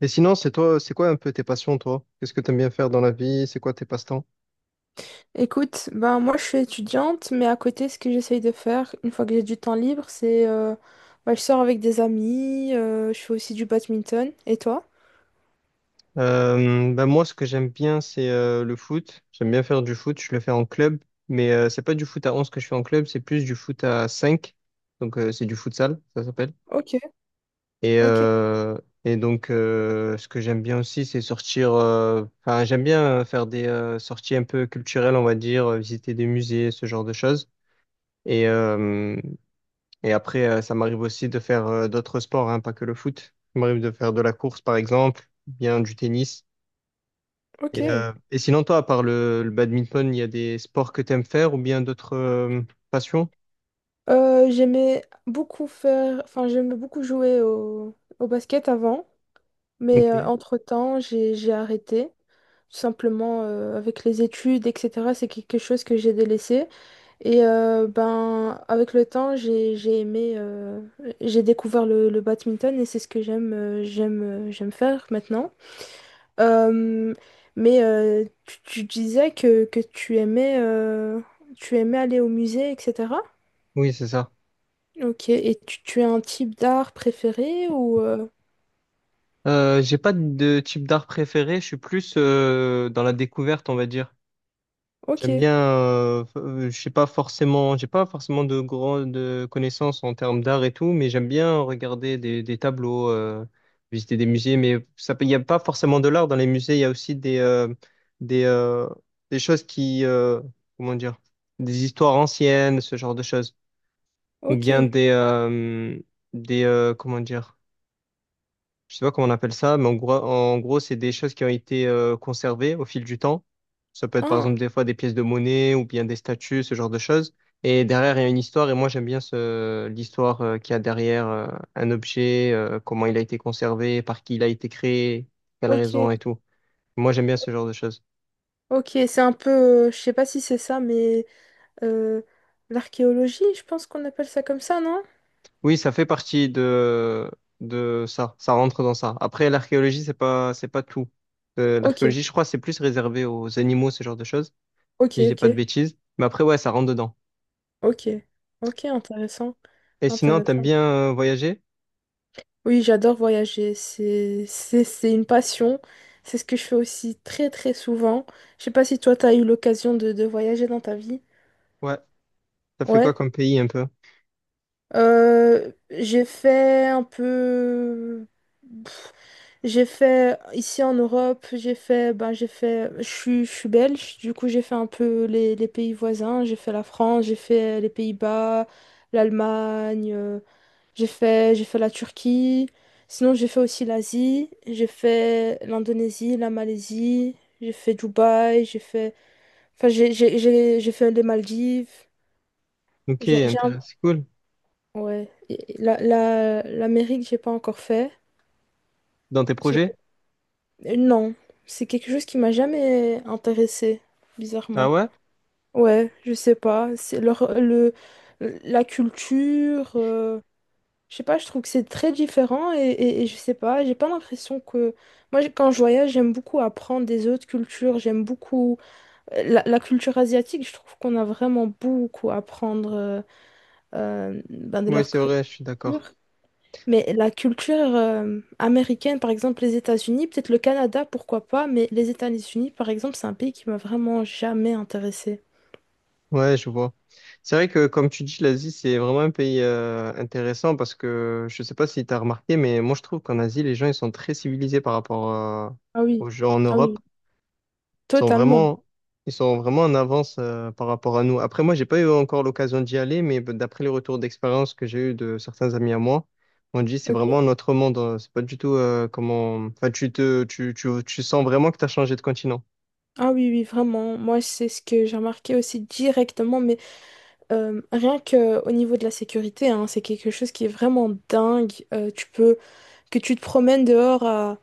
Et sinon, c'est quoi un peu tes passions, toi? Qu'est-ce que tu aimes bien faire dans la vie? C'est quoi tes passe-temps? Écoute, ben moi je suis étudiante, mais à côté, ce que j'essaye de faire une fois que j'ai du temps libre, c'est ben, je sors avec des amis, je fais aussi du badminton. Et toi? Ben moi, ce que j'aime bien, c'est le foot. J'aime bien faire du foot. Je le fais en club, mais c'est pas du foot à 11 que je fais en club, c'est plus du foot à cinq. Donc, c'est du futsal, ça s'appelle. Ok, Et, ok, euh, et donc, ce que j'aime bien aussi, c'est sortir. Enfin, j'aime bien faire des sorties un peu culturelles, on va dire, visiter des musées, ce genre de choses. Et, euh, Et après, ça m'arrive aussi de faire d'autres sports, hein, pas que le foot. Ça m'arrive de faire de la course, par exemple, ou bien du tennis. ok. Et sinon, toi, à part le badminton, il y a des sports que tu aimes faire ou bien d'autres passions? J'aimais beaucoup faire, enfin j'aimais beaucoup jouer au basket avant, mais Ok. entre-temps j'ai arrêté. Tout simplement avec les études, etc. C'est quelque chose que j'ai délaissé. Et ben, avec le temps, j'ai aimé, j'ai découvert le badminton et c'est ce que j'aime faire maintenant. Euh, mais tu disais que tu aimais aller au musée, etc. Oui, c'est ça. Ok, et tu as un type d'art préféré ou? J'ai pas de type d'art préféré, je suis plus dans la découverte, on va dire. Ok, J'aime bien, je sais pas forcément, j'ai pas forcément de grandes connaissances en termes d'art et tout, mais j'aime bien regarder des tableaux, visiter des musées, mais il n'y a pas forcément de l'art dans les musées, il y a aussi des, euh, des choses comment dire, des histoires anciennes, ce genre de choses, ou ok, bien comment dire, je sais pas comment on appelle ça, mais en gros, c'est des choses qui ont été conservées au fil du temps. Ça peut être par ah, exemple des fois des pièces de monnaie ou bien des statues, ce genre de choses. Et derrière, il y a une histoire, et moi j'aime bien l'histoire qu'il y a derrière un objet, comment il a été conservé, par qui il a été créé, quelle ok, raison et tout. Moi j'aime bien ce genre de choses. ok, c'est un peu, je sais pas si c'est ça, mais euh, l'archéologie, je pense qu'on appelle ça comme ça, non? Oui, ça fait partie de ça, ça rentre dans ça. Après, l'archéologie, c'est pas tout. Ok, L'archéologie, je crois, c'est plus réservé aux animaux, ce genre de choses, ok, si je dis pas de ok. bêtises. Mais après, ouais, ça rentre dedans. Ok, ok, intéressant, Et sinon, t'aimes intéressant. bien voyager? Oui, j'adore voyager, c'est une passion, c'est ce que je fais aussi très très souvent. Je sais pas si toi t'as eu l'occasion de voyager dans ta vie. Ouais. Ça fait quoi Ouais, comme pays un peu? J'ai fait un peu, j'ai fait ici en Europe, j'ai fait, ben j'ai fait, je suis belge, du coup j'ai fait un peu les pays voisins, j'ai fait la France, j'ai fait les Pays-Bas, l'Allemagne. J'ai fait la Turquie. Sinon, j'ai fait aussi l'Asie. J'ai fait l'Indonésie, la Malaisie. J'ai fait Dubaï. J'ai fait. Enfin, j'ai fait les Maldives. Ok, J'ai j'ai un- intéressant, c'est cool. Ouais. Et l'Amérique, j'ai pas encore fait. Dans tes C'est- projets? Non. C'est quelque chose qui m'a jamais intéressé Ah bizarrement. ouais? Ouais, je sais pas. C'est la culture. Je sais pas, je trouve que c'est très différent et je sais pas, j'ai pas l'impression que. Moi, quand je voyage, j'aime beaucoup apprendre des autres cultures, j'aime beaucoup la culture asiatique, je trouve qu'on a vraiment beaucoup à apprendre ben, de Ouais, leur c'est culture. vrai, je suis d'accord. Mais la culture américaine, par exemple les États-Unis, peut-être le Canada, pourquoi pas, mais les États-Unis, par exemple, c'est un pays qui m'a vraiment jamais intéressée. Ouais, je vois. C'est vrai que, comme tu dis, l'Asie, c'est vraiment un pays intéressant, parce que je sais pas si t'as remarqué, mais moi, je trouve qu'en Asie, les gens, ils sont très civilisés par rapport Ah oui, aux gens en ah Europe. oui, Ils sont totalement. vraiment, ils sont vraiment en avance par rapport à nous. Après, moi, j'ai pas eu encore l'occasion d'y aller, mais bah, d'après les retours d'expérience que j'ai eu de certains amis à moi, on dit c'est vraiment Ok. notre monde. C'est pas du tout comment. Enfin, tu sens vraiment que tu as changé de continent. Ah oui, oui, vraiment. Moi, c'est ce que j'ai remarqué aussi directement, mais rien que au niveau de la sécurité, hein, c'est quelque chose qui est vraiment dingue. Tu peux que tu te promènes dehors à,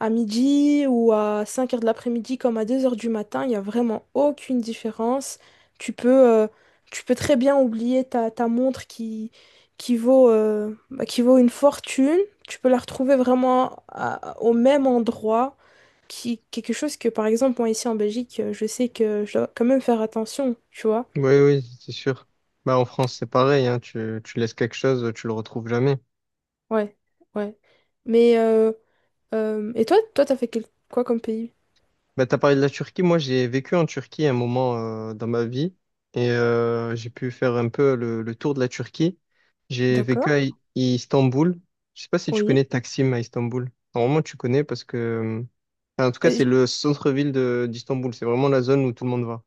à midi ou à 5 heures de l'après-midi comme à 2 heures du matin, il n'y a vraiment aucune différence. Tu peux, euh, tu peux très bien oublier ta montre qui vaut, bah, qui vaut une fortune. Tu peux la retrouver vraiment au même endroit. Quelque chose que, par exemple, moi ici en Belgique, je sais que je dois quand même faire attention, tu vois. Oui, oui, c'est sûr. Bah, en France, c'est pareil, hein. Tu laisses quelque chose, tu le retrouves jamais. Ouais, ouais. Mais, et toi, t'as fait quoi comme pays? Bah, t'as parlé de la Turquie. Moi, j'ai vécu en Turquie un moment dans ma vie, et j'ai pu faire un peu le tour de la Turquie. J'ai vécu D'accord, à Istanbul. Je sais pas si tu oui. connais Taksim à Istanbul. Normalement, tu connais parce que, enfin, en tout cas, Euh, c'est j- le centre-ville de d'Istanbul. C'est vraiment la zone où tout le monde va.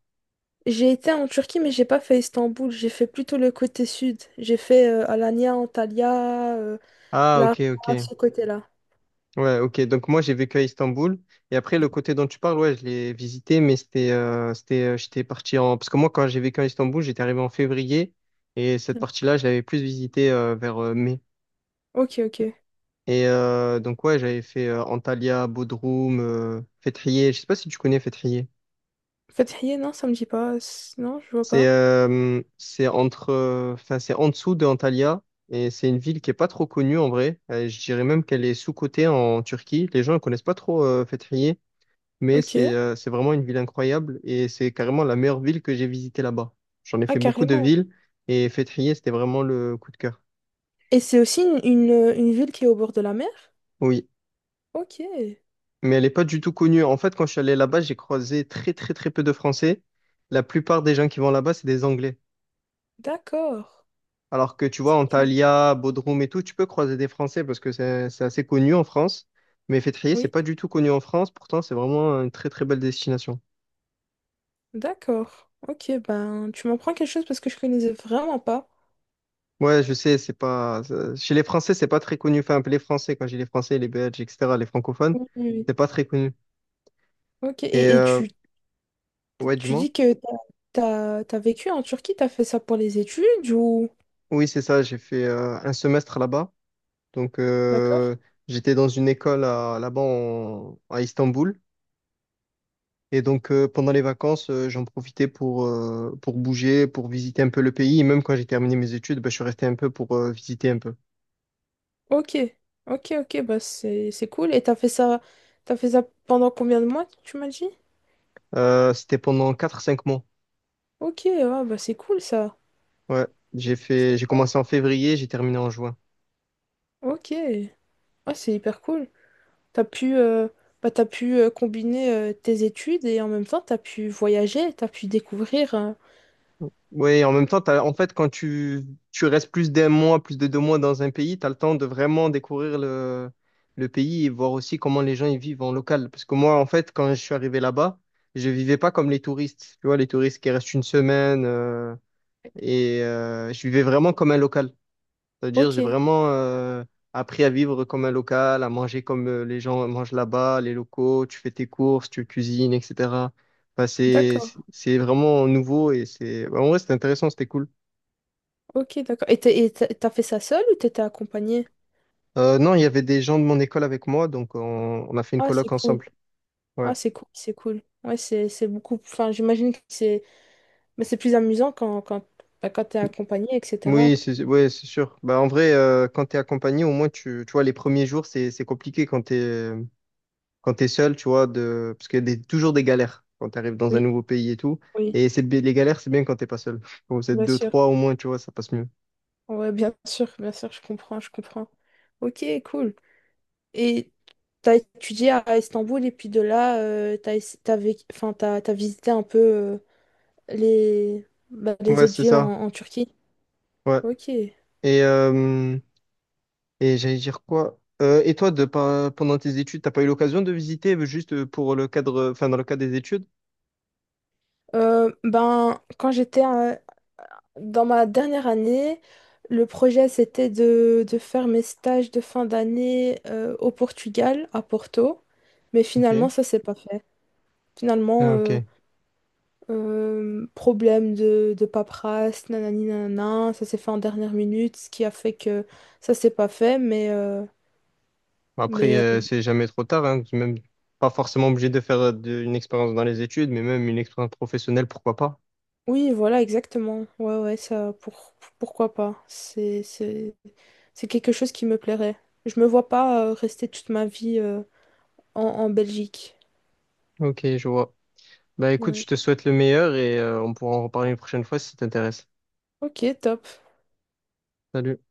J'ai été en Turquie, mais j'ai pas fait Istanbul. J'ai fait plutôt le côté sud. J'ai fait Alanya, Antalya, Ah, ok, Larnaca, ok. ce côté-là. Ouais, ok. Donc moi, j'ai vécu à Istanbul. Et après, le côté dont tu parles, ouais, je l'ai visité, mais c'était. Parce que moi, quand j'ai vécu à Istanbul, j'étais arrivé en février. Et cette partie-là, je l'avais plus visitée vers mai. Ok, ok. Et donc, ouais, j'avais fait Antalya, Bodrum, Fethiye. Je sais pas si tu connais Fethiye. Fethiye, non, ça me dit pas. Non, je vois C'est pas. euh, c'est entre, euh, enfin, c'est en dessous de Antalya. Et c'est une ville qui est pas trop connue en vrai. Je dirais même qu'elle est sous-cotée en Turquie. Les gens ne connaissent pas trop Fethiye. Mais Ok. c'est vraiment une ville incroyable et c'est carrément la meilleure ville que j'ai visitée là-bas. J'en ai Ah, fait beaucoup de carrément. villes et Fethiye, c'était vraiment le coup de cœur. Et c'est aussi une, une ville qui est au bord de la mer? Oui, Ok, mais elle n'est pas du tout connue. En fait, quand je suis allé là-bas, j'ai croisé très très très peu de Français. La plupart des gens qui vont là-bas, c'est des Anglais. d'accord. Alors que tu vois, Tu- Antalya, Bodrum et tout, tu peux croiser des Français parce que c'est assez connu en France. Mais Fethiye, c'est Oui, pas du tout connu en France. Pourtant, c'est vraiment une très très belle destination. d'accord. Ok, ben, tu m'en prends quelque chose parce que je connaissais vraiment pas. Ouais, je sais, c'est pas. Ça- chez les Français, c'est pas très connu. Enfin, les Français, quand j'ai les Français, les Belges, etc., les francophones, Oui, oui. c'est Oui. pas très connu. Ok, Et et euh, tu, ouais, du tu moins. dis que t'as, as vécu en Turquie, t'as fait ça pour les études ou? Oui, c'est ça, j'ai fait un semestre là-bas. Donc, D'accord. J'étais dans une école là-bas à Istanbul. Et donc, pendant les vacances, j'en profitais pour bouger, pour visiter un peu le pays. Et même quand j'ai terminé mes études, ben, je suis resté un peu pour visiter un peu. Ok, ok, ok, bah c'est cool. Et t'as fait ça, pendant combien de mois, tu m'as dit? C'était pendant quatre cinq mois. Ok, ah, bah c'est cool ça. Ouais, C'est j'ai cool. commencé en février, j'ai terminé en juin. Ok, ah, c'est hyper cool. T'as pu, bah, t'as pu combiner tes études et en même temps t'as pu voyager, t'as pu découvrir. Oui, en même temps, en fait, quand tu restes plus d'un mois, plus de 2 mois dans un pays, tu as le temps de vraiment découvrir le pays et voir aussi comment les gens y vivent en local. Parce que moi, en fait, quand je suis arrivé là-bas, je vivais pas comme les touristes. Tu vois, les touristes qui restent une semaine, et je vivais vraiment comme un local. C'est-à-dire, Ok, j'ai vraiment appris à vivre comme un local, à manger comme les gens mangent là-bas, les locaux, tu fais tes courses, tu cuisines, etc. Enfin, c'est, d'accord, c'est c'est vraiment nouveau et c'est, bah, en vrai, c'était intéressant, c'était cool. ok, d'accord. Et t'as fait ça seule ou t'étais accompagnée? Non, il y avait des gens de mon école avec moi, donc on a fait une Ah, c'est coloc cool. ensemble. Ouais. Ah, c'est cool, c'est cool. Ouais, c'est beaucoup. Enfin, j'imagine que c'est. Mais c'est plus amusant quand, bah, quand t'es accompagné, etc. Oui, c'est sûr. Bah, en vrai, quand tu es accompagné, au moins, tu vois, les premiers jours, c'est compliqué quand t'es seul, tu vois, parce qu'il y a toujours des galères quand t'arrives dans un Oui, nouveau pays et tout. oui, Et les galères, c'est bien quand t'es pas seul. Quand vous êtes bien deux, sûr. trois au moins, tu vois, ça passe mieux. Ouais, bien sûr, je comprends, je comprends. Ok, cool. Et t'as étudié à Istanbul et puis de là, t'as, ess- t'as vécu- enfin, t'as visité un peu bah, les Ouais, autres c'est villes en, ça. en Turquie. Ouais. Ok. Et, euh, et j'allais dire quoi? Et toi, de, pas- pendant tes études, t'as pas eu l'occasion de visiter juste pour le cadre, enfin, dans le cadre des études? Ben, dans ma dernière année, le projet c'était de faire mes stages de fin d'année au Portugal, à Porto, mais Ok. finalement ça s'est pas fait. Finalement, Ah, ok. Problème de paperasse, nanani nanana, ça s'est fait en dernière minute, ce qui a fait que ça s'est pas fait, mais, euh, Bon, Après, mais euh, euh, c'est jamais trop tard, hein. C'est même pas forcément obligé de faire une expérience dans les études, mais même une expérience professionnelle, pourquoi pas. oui, voilà, exactement. Ouais, ouais, ça, pourquoi pas? C'est quelque chose qui me plairait. Je me vois pas rester toute ma vie en Belgique. Ok, je vois. Bah écoute, Ouais. je te souhaite le meilleur et on pourra en reparler une prochaine fois si ça t'intéresse. Ok, top. Salut.